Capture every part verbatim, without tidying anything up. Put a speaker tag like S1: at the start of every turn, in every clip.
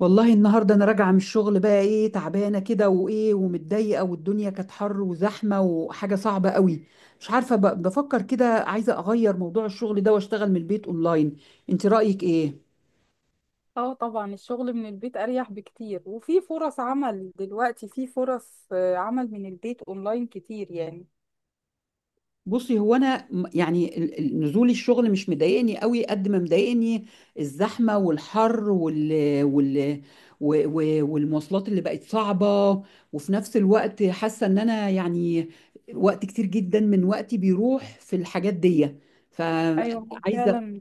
S1: والله النهارده انا راجعه من الشغل، بقى ايه، تعبانه كده وايه ومتضايقه، والدنيا كانت حر وزحمه وحاجه صعبه قوي. مش عارفه، ب- بفكر كده، عايزه اغير موضوع الشغل ده واشتغل من البيت اونلاين. انت رايك ايه؟
S2: اه طبعا، الشغل من البيت اريح بكتير وفي فرص عمل دلوقتي. في فرص آه، عمل من البيت اونلاين كتير يعني.
S1: بصي، هو انا م- يعني ال- ال- نزول الشغل مش مضايقني قوي قد ما مضايقني الزحمه والحر وال وال و- و- والمواصلات اللي بقت صعبه. وفي نفس الوقت حاسه ان انا، يعني، وقت كتير جدا من وقتي بيروح في الحاجات دي. مم.
S2: ايوه
S1: فعايزه
S2: فعلا.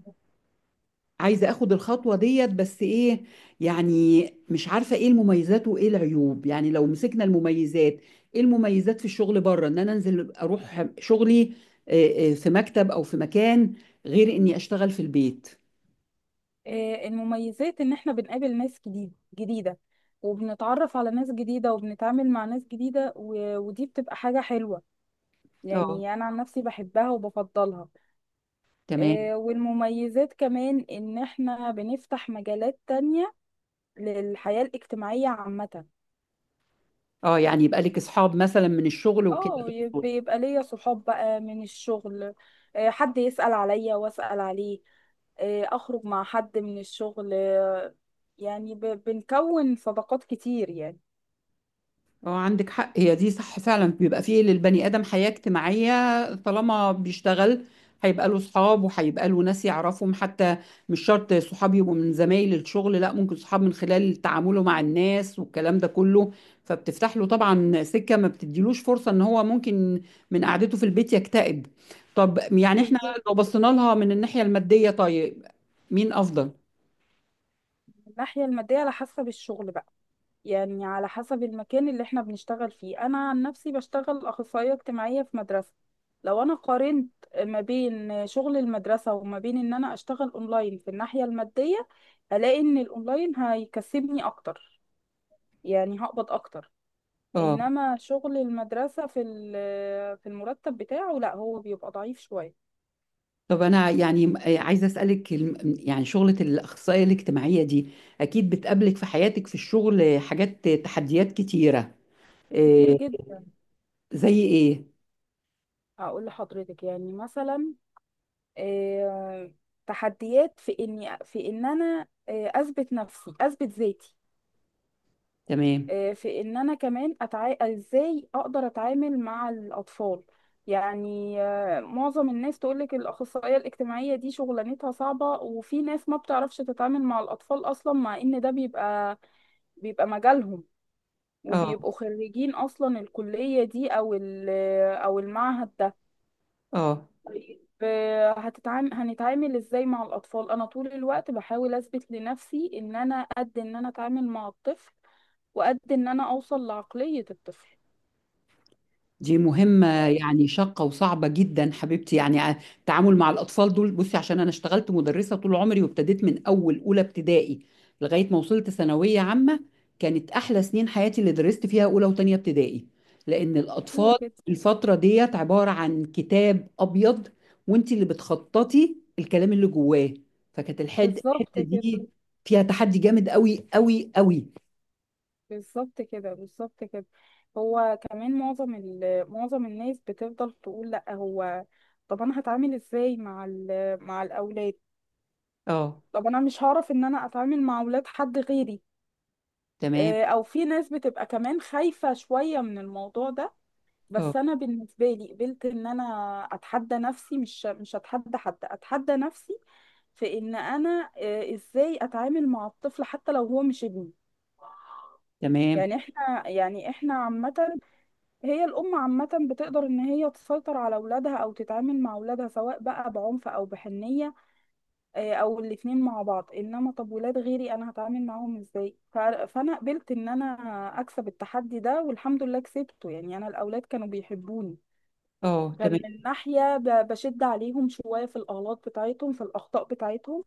S1: عايزة اخد الخطوة ديت، بس ايه، يعني مش عارفة ايه المميزات وايه العيوب. يعني لو مسكنا المميزات، ايه المميزات في الشغل بره، ان انا انزل اروح شغلي آه، آه، في مكتب او في مكان، غير اني اشتغل في البيت.
S2: آه، المميزات ان احنا بنقابل ناس جديد جديدة وبنتعرف على ناس جديدة وبنتعامل مع ناس جديدة و- ودي بتبقى حاجة حلوة.
S1: اه،
S2: يعني انا عن نفسي بحبها وبفضلها.
S1: تمام.
S2: آه، والمميزات كمان ان احنا بنفتح مجالات تانية للحياة الاجتماعية عامة.
S1: اه، يعني يبقى لك اصحاب مثلا من الشغل وكده.
S2: اه، يب- بيبقى ليا صحاب بقى من الشغل. آه، حد يسأل عليا واسأل عليه. آه، اخرج مع حد من الشغل. آه، يعني ب- بنكون صداقات كتير يعني.
S1: اه، عندك حق، هي دي صح فعلا، بيبقى فيه للبني ادم حياة اجتماعية طالما بيشتغل، هيبقى له صحاب وهيبقى له ناس يعرفهم، حتى مش شرط صحاب يبقوا من زمايل الشغل، لا ممكن صحاب من خلال تعامله مع الناس والكلام ده كله. فبتفتح له طبعا سكة، ما بتديلوش فرصة ان هو ممكن من قعدته في البيت يكتئب. طب يعني احنا لو
S2: بالظبط.
S1: بصينا لها من الناحية المادية، طيب مين افضل؟
S2: من الناحية المادية على حسب الشغل بقى. يعني على حسب المكان اللي احنا بنشتغل فيه. انا عن نفسي بشتغل اخصائية اجتماعية في مدرسة. لو انا قارنت ما بين شغل المدرسة وما بين ان انا اشتغل اونلاين في الناحية المادية، هلاقي ان الاونلاين هيكسبني اكتر، يعني هقبض اكتر.
S1: اه،
S2: انما شغل المدرسة في ال- آه، في المرتب بتاعه لا، هو بيبقى ضعيف شوية.
S1: طب أنا يعني عايزة أسألك، الم- يعني شغلة الأخصائية الاجتماعية دي أكيد بتقابلك في حياتك في الشغل حاجات، تحديات كتيرة،
S2: كتير
S1: إيه،
S2: جدا.
S1: زي إيه؟
S2: اقول لحضرتك يعني مثلا، آه، تحديات في اني في ان انا آه، اثبت نفسي، اثبت ذاتي.
S1: تمام.
S2: آه، في ان انا كمان أتع... ازاي اقدر اتعامل مع الاطفال. يعني آه، معظم الناس تقولك الاخصائية الاجتماعية دي شغلانتها صعبة، وفي ناس ما بتعرفش تتعامل مع الاطفال اصلا، مع ان ده بيبقى بيبقى مجالهم
S1: اه،
S2: وبيبقوا خريجين اصلا الكلية دي او ال- او المعهد ده.
S1: اه.
S2: ف- هتتعام هنتعامل ازاي مع الاطفال. انا طول الوقت بحاول اثبت لنفسي ان انا قد ان انا اتعامل مع الطفل وقد ان انا اوصل لعقلية الطفل.
S1: دي مهمة يعني شاقة وصعبة جدا حبيبتي، يعني ع- التعامل مع الأطفال دول. بصي، عشان أنا اشتغلت مدرسة طول عمري، وابتديت من أول أولى ابتدائي لغاية ما وصلت ثانوية عامة. كانت أحلى سنين حياتي اللي درست فيها أولى وتانية ابتدائي، لأن الأطفال
S2: حلو كده.
S1: في الفترة ديت عبارة عن كتاب أبيض، وأنت اللي بتخططي الكلام اللي جواه. فكانت الحد-
S2: بالظبط
S1: الحتة
S2: كده،
S1: دي فيها تحدي جامد قوي قوي قوي.
S2: بالظبط كده، بالظبط كده. هو كمان معظم ال... معظم الناس بتفضل تقول لا، هو طب انا هتعامل ازاي مع ال... مع الاولاد؟
S1: اه،
S2: طب انا مش هعرف ان انا اتعامل مع اولاد حد غيري.
S1: تمام.
S2: آه، او في ناس بتبقى كمان خايفة شوية من الموضوع ده.
S1: اه،
S2: بس انا بالنسبة لي قبلت ان انا اتحدى نفسي، مش مش اتحدى حد، اتحدى نفسي. في ان انا آه، ازاي اتعامل مع الطفل حتى لو هو مش ابني.
S1: تمام.
S2: يعني احنا يعني احنا عامة، هي الأم عامة بتقدر إن هي تسيطر على أولادها أو تتعامل مع أولادها سواء بقى بعنف أو بحنية، آه، او الاتنين مع بعض. انما طب ولاد غيري انا هتعامل معاهم ازاي؟ ف- فانا قبلت ان انا اكسب التحدي ده، والحمد لله كسبته. يعني انا الاولاد كانوا بيحبوني.
S1: اه،
S2: كان
S1: تمام.
S2: من ناحية ب- بشد عليهم شوية في الأغلاط بتاعتهم، في الأخطاء بتاعتهم،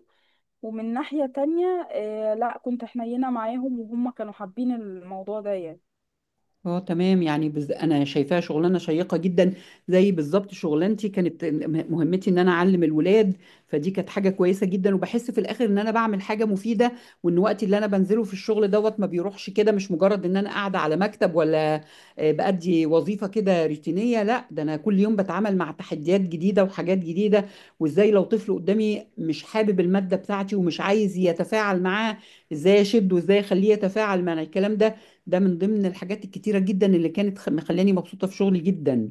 S2: ومن ناحية تانية آه لا، كنت حنينة معاهم وهم كانوا حابين الموضوع ده يعني.
S1: اه، تمام. يعني بز... انا شايفاها شغلانه شيقه جدا، زي بالظبط شغلانتي. كانت م- مهمتي ان انا اعلم الولاد، فدي كانت حاجه كويسه جدا، وبحس في الاخر ان انا بعمل حاجه مفيده، وان وقتي اللي انا بنزله في الشغل دوت ما بيروحش كده، مش مجرد ان انا قاعده على مكتب ولا آه، بأدي وظيفه كده روتينيه، لا ده انا كل يوم بتعامل مع تحديات جديده وحاجات جديده. وازاي لو طفل قدامي مش حابب الماده بتاعتي ومش عايز يتفاعل معاه، ازاي اشده وازاي اخليه يتفاعل مع الكلام ده. ده من ضمن الحاجات الكتيرة جدا اللي كانت خ- مخلاني مبسوطة في شغلي جدا.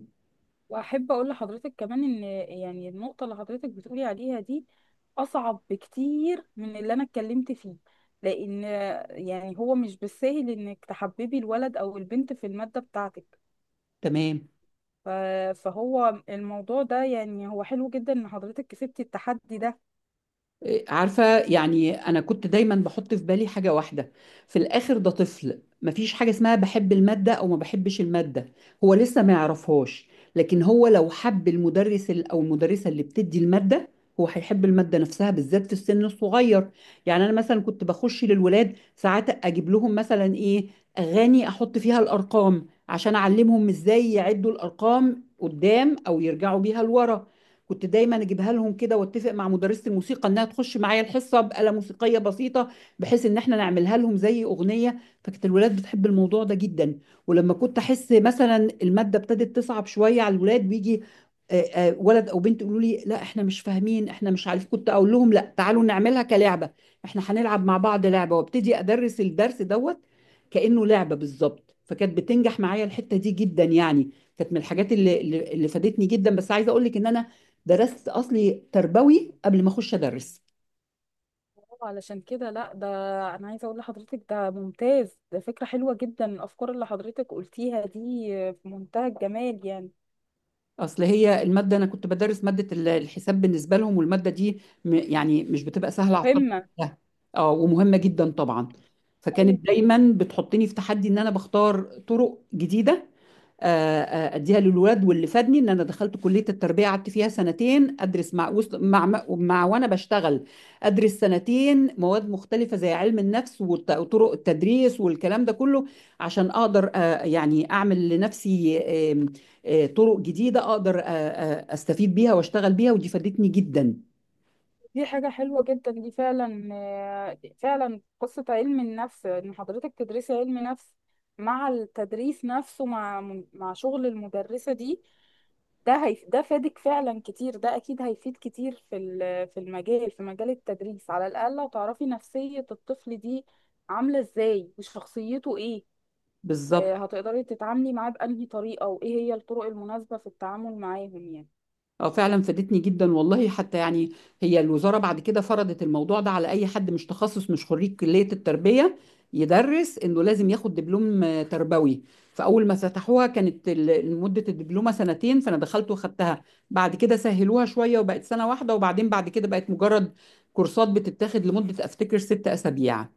S2: واحب اقول لحضرتك كمان ان، يعني النقطه اللي حضرتك بتقولي عليها دي اصعب بكتير من اللي انا اتكلمت فيه، لان يعني هو مش بالسهل انك تحببي الولد او البنت في الماده بتاعتك.
S1: تمام.
S2: ف- فهو الموضوع ده يعني هو حلو جدا ان حضرتك كسبتي التحدي ده.
S1: عارفة، يعني أنا كنت دايما بحط في بالي حاجة واحدة. في الآخر ده طفل، مفيش حاجة اسمها بحب المادة أو ما بحبش المادة، هو لسه ما يعرفهاش. لكن هو لو حب المدرس ال- أو المدرسة اللي بتدي المادة، هو هيحب المادة نفسها، بالذات في السن الصغير. يعني أنا مثلا كنت بخش للولاد ساعات أجيب لهم مثلا إيه، أغاني أحط فيها الأرقام، عشان أعلمهم إزاي يعدوا الأرقام قدام أو يرجعوا بيها لورا. كنت دايما اجيبها لهم كده، واتفق مع مدرسة الموسيقى انها تخش معايا الحصة بآلة موسيقية بسيطة، بحيث ان احنا نعملها لهم زي اغنية. فكانت الولاد بتحب الموضوع ده جدا. ولما كنت احس مثلا المادة ابتدت تصعب شوية على الولاد، ويجي آه، آه، ولد او بنت يقولوا لي لا احنا مش فاهمين، احنا مش عارف، كنت اقول لهم لا تعالوا نعملها كلعبة، احنا هنلعب مع بعض لعبة، وابتدي ادرس الدرس دوت كأنه لعبة بالظبط. فكانت بتنجح معايا الحتة دي جدا، يعني كانت من الحاجات اللي اللي اللي فادتني جدا. بس عايزة اقول لك ان انا درست اصلي تربوي قبل ما اخش ادرس.
S2: علشان كده لا، ده انا عايزه اقول لحضرتك ده ممتاز، ده فكره حلوه جدا. الافكار اللي حضرتك قلتيها دي في منتهى الجمال يعني.
S1: اصل هي الماده، انا كنت بدرس ماده ال- الحساب بالنسبه لهم، والماده دي م- يعني مش بتبقى سهله على الطلبه
S2: مهمه.
S1: كلها. اه، ومهمه جدا طبعا. فكانت دايما بتحطني في تحدي ان انا بختار طرق جديده آه، آه، اديها للولاد. واللي فادني ان انا دخلت كليه التربيه، قعدت فيها سنتين ادرس مع وسط- مع مع مع- وانا بشتغل. ادرس سنتين مواد مختلفه زي علم النفس والط- وطرق التدريس والكلام ده كله، عشان اقدر آه، يعني اعمل لنفسي آم، آه، طرق جديده، اقدر آه، آه، استفيد بيها واشتغل بيها، ودي فادتني جدا.
S2: دي حاجة حلوة جدا، دي فعلا آه، فعلا قصة علم النفس إن حضرتك تدرسي علم نفس مع التدريس نفسه، مع مع شغل المدرسة دي، ده هيف ده فادك فعلا كتير. ده أكيد هيفيد كتير في ال- في المجال، في مجال التدريس. على الأقل هتعرفي نفسية الطفل دي عاملة إزاي وشخصيته إيه. آه،
S1: بالظبط.
S2: هتقدري تتعاملي معاه بأنهي طريقة وإيه هي الطرق المناسبة في التعامل معاهم يعني.
S1: اه فعلا فادتني جدا والله، حتى يعني هي الوزارة بعد كده فرضت الموضوع ده على اي حد مش تخصص، مش خريج كلية التربية، يدرس انه لازم ياخد دبلوم آه، تربوي. فاول ما فتحوها كانت ال- مدة الدبلومة سنتين، فانا دخلت واخدتها. بعد كده سهلوها شوية وبقت سنة واحدة، وبعدين بعد كده بقت مجرد كورسات بتتاخد لمدة افتكر ست اسابيع.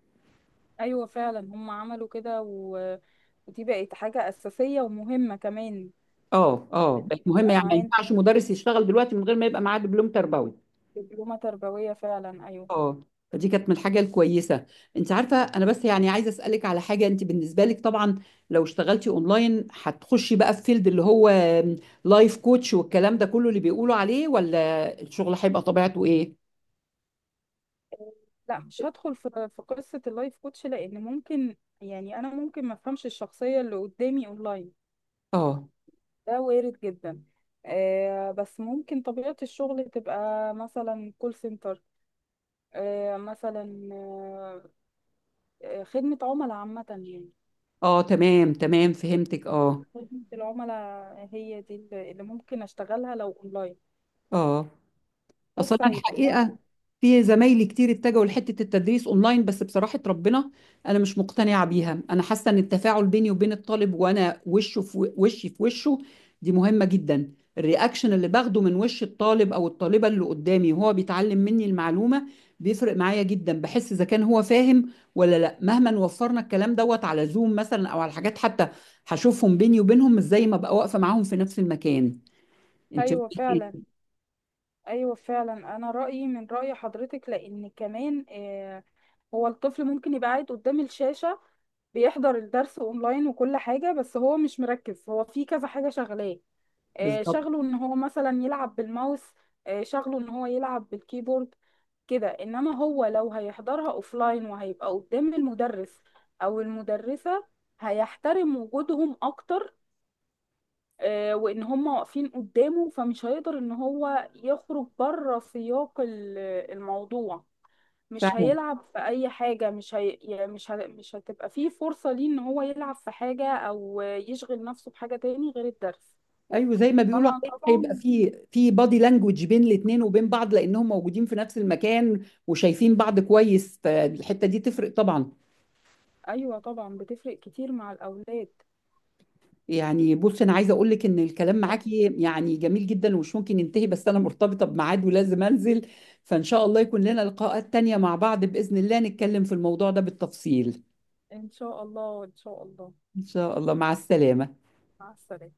S2: ايوه فعلا، هم عملوا كده و... ودي بقت حاجه اساسيه ومهمه كمان.
S1: اه، اه، بقت مهمة،
S2: يبقى
S1: يعني ما
S2: معانا
S1: ينفعش مدرس يشتغل دلوقتي من غير ما يبقى معاه دبلوم تربوي.
S2: دبلومه تربويه فعلا، ايوه.
S1: اه، فدي كانت من الحاجه الكويسه. انت عارفه، انا بس يعني عايزه اسالك على حاجه، انت بالنسبه لك طبعا لو اشتغلتي اونلاين، هتخشي بقى في فيلد اللي هو لايف كوتش والكلام ده كله اللي بيقولوا عليه، ولا الشغل هيبقى طبيعته ايه؟
S2: لا مش هدخل في في قصه اللايف كوتش، لان ممكن يعني انا ممكن ما افهمش الشخصيه اللي قدامي اونلاين.
S1: اه،
S2: ده وارد جدا. آه، بس ممكن طبيعه الشغل تبقى مثلا كول سنتر، آه مثلا آه، آه، خدمه عملاء عامه يعني.
S1: اه، تمام، تمام، فهمتك، اه،
S2: خدمه العملاء هي دي اللي اللي ممكن اشتغلها لو اونلاين،
S1: اه. اصل
S2: بس
S1: انا
S2: هيبقى صعب.
S1: الحقيقه في زمايلي كتير اتجهوا لحته التدريس اونلاين، بس بصراحه ربنا، انا مش مقتنعه بيها. انا حاسه ان التفاعل بيني وبين الطالب، وانا وشه في و- وشي في وشه، دي مهمه جدا. الرياكشن اللي باخده من وش الطالب او الطالبه اللي قدامي وهو بيتعلم مني المعلومه بيفرق معايا جدا، بحس اذا كان هو فاهم ولا لا. مهما وفرنا الكلام دوت على زوم مثلا او على حاجات، حتى هشوفهم بيني وبينهم، مش زي ما بقى واقفه معاهم في نفس المكان. انت
S2: ايوه
S1: رأيك
S2: فعلا.
S1: إيه؟
S2: ايوه فعلا انا رايي من راي حضرتك. لان كمان آه، هو الطفل ممكن يبقى قاعد قدام الشاشه بيحضر الدرس اونلاين وكل حاجه، بس هو مش مركز، هو في كذا حاجه شغلاه. آه،
S1: بالظبط.
S2: شغله ان هو مثلا يلعب بالماوس، آه شغله ان هو يلعب بالكيبورد كده. انما هو لو هيحضرها اوفلاين وهيبقى قدام المدرس او المدرسه هيحترم وجودهم اكتر. آه، وان هم واقفين قدامه، فمش هيقدر ان هو يخرج بره سياق ال- الموضوع. مش هيلعب في اي حاجة، مش هي... يعني مش ه... مش هتبقى فيه فرصة ليه ان هو يلعب في حاجة او يشغل نفسه بحاجة تاني غير الدرس.
S1: ايوه، زي ما بيقولوا
S2: فانا
S1: عليه، هيبقى
S2: طبعا،
S1: في في بادي لانجوج بين الاثنين وبين بعض، لانهم موجودين في نفس المكان وشايفين بعض كويس، فالحته دي تفرق طبعا.
S2: ايوه طبعا بتفرق كتير مع الاولاد.
S1: يعني بص، انا عايزه اقول لك ان الكلام معاكي يعني جميل جدا ومش ممكن ينتهي، بس انا مرتبطه بميعاد ولازم انزل، فان شاء الله يكون لنا لقاءات تانية مع بعض، باذن الله نتكلم في الموضوع ده بالتفصيل.
S2: ان شاء الله، ان شاء الله.
S1: ان شاء الله، مع السلامه.
S2: مع السلامة.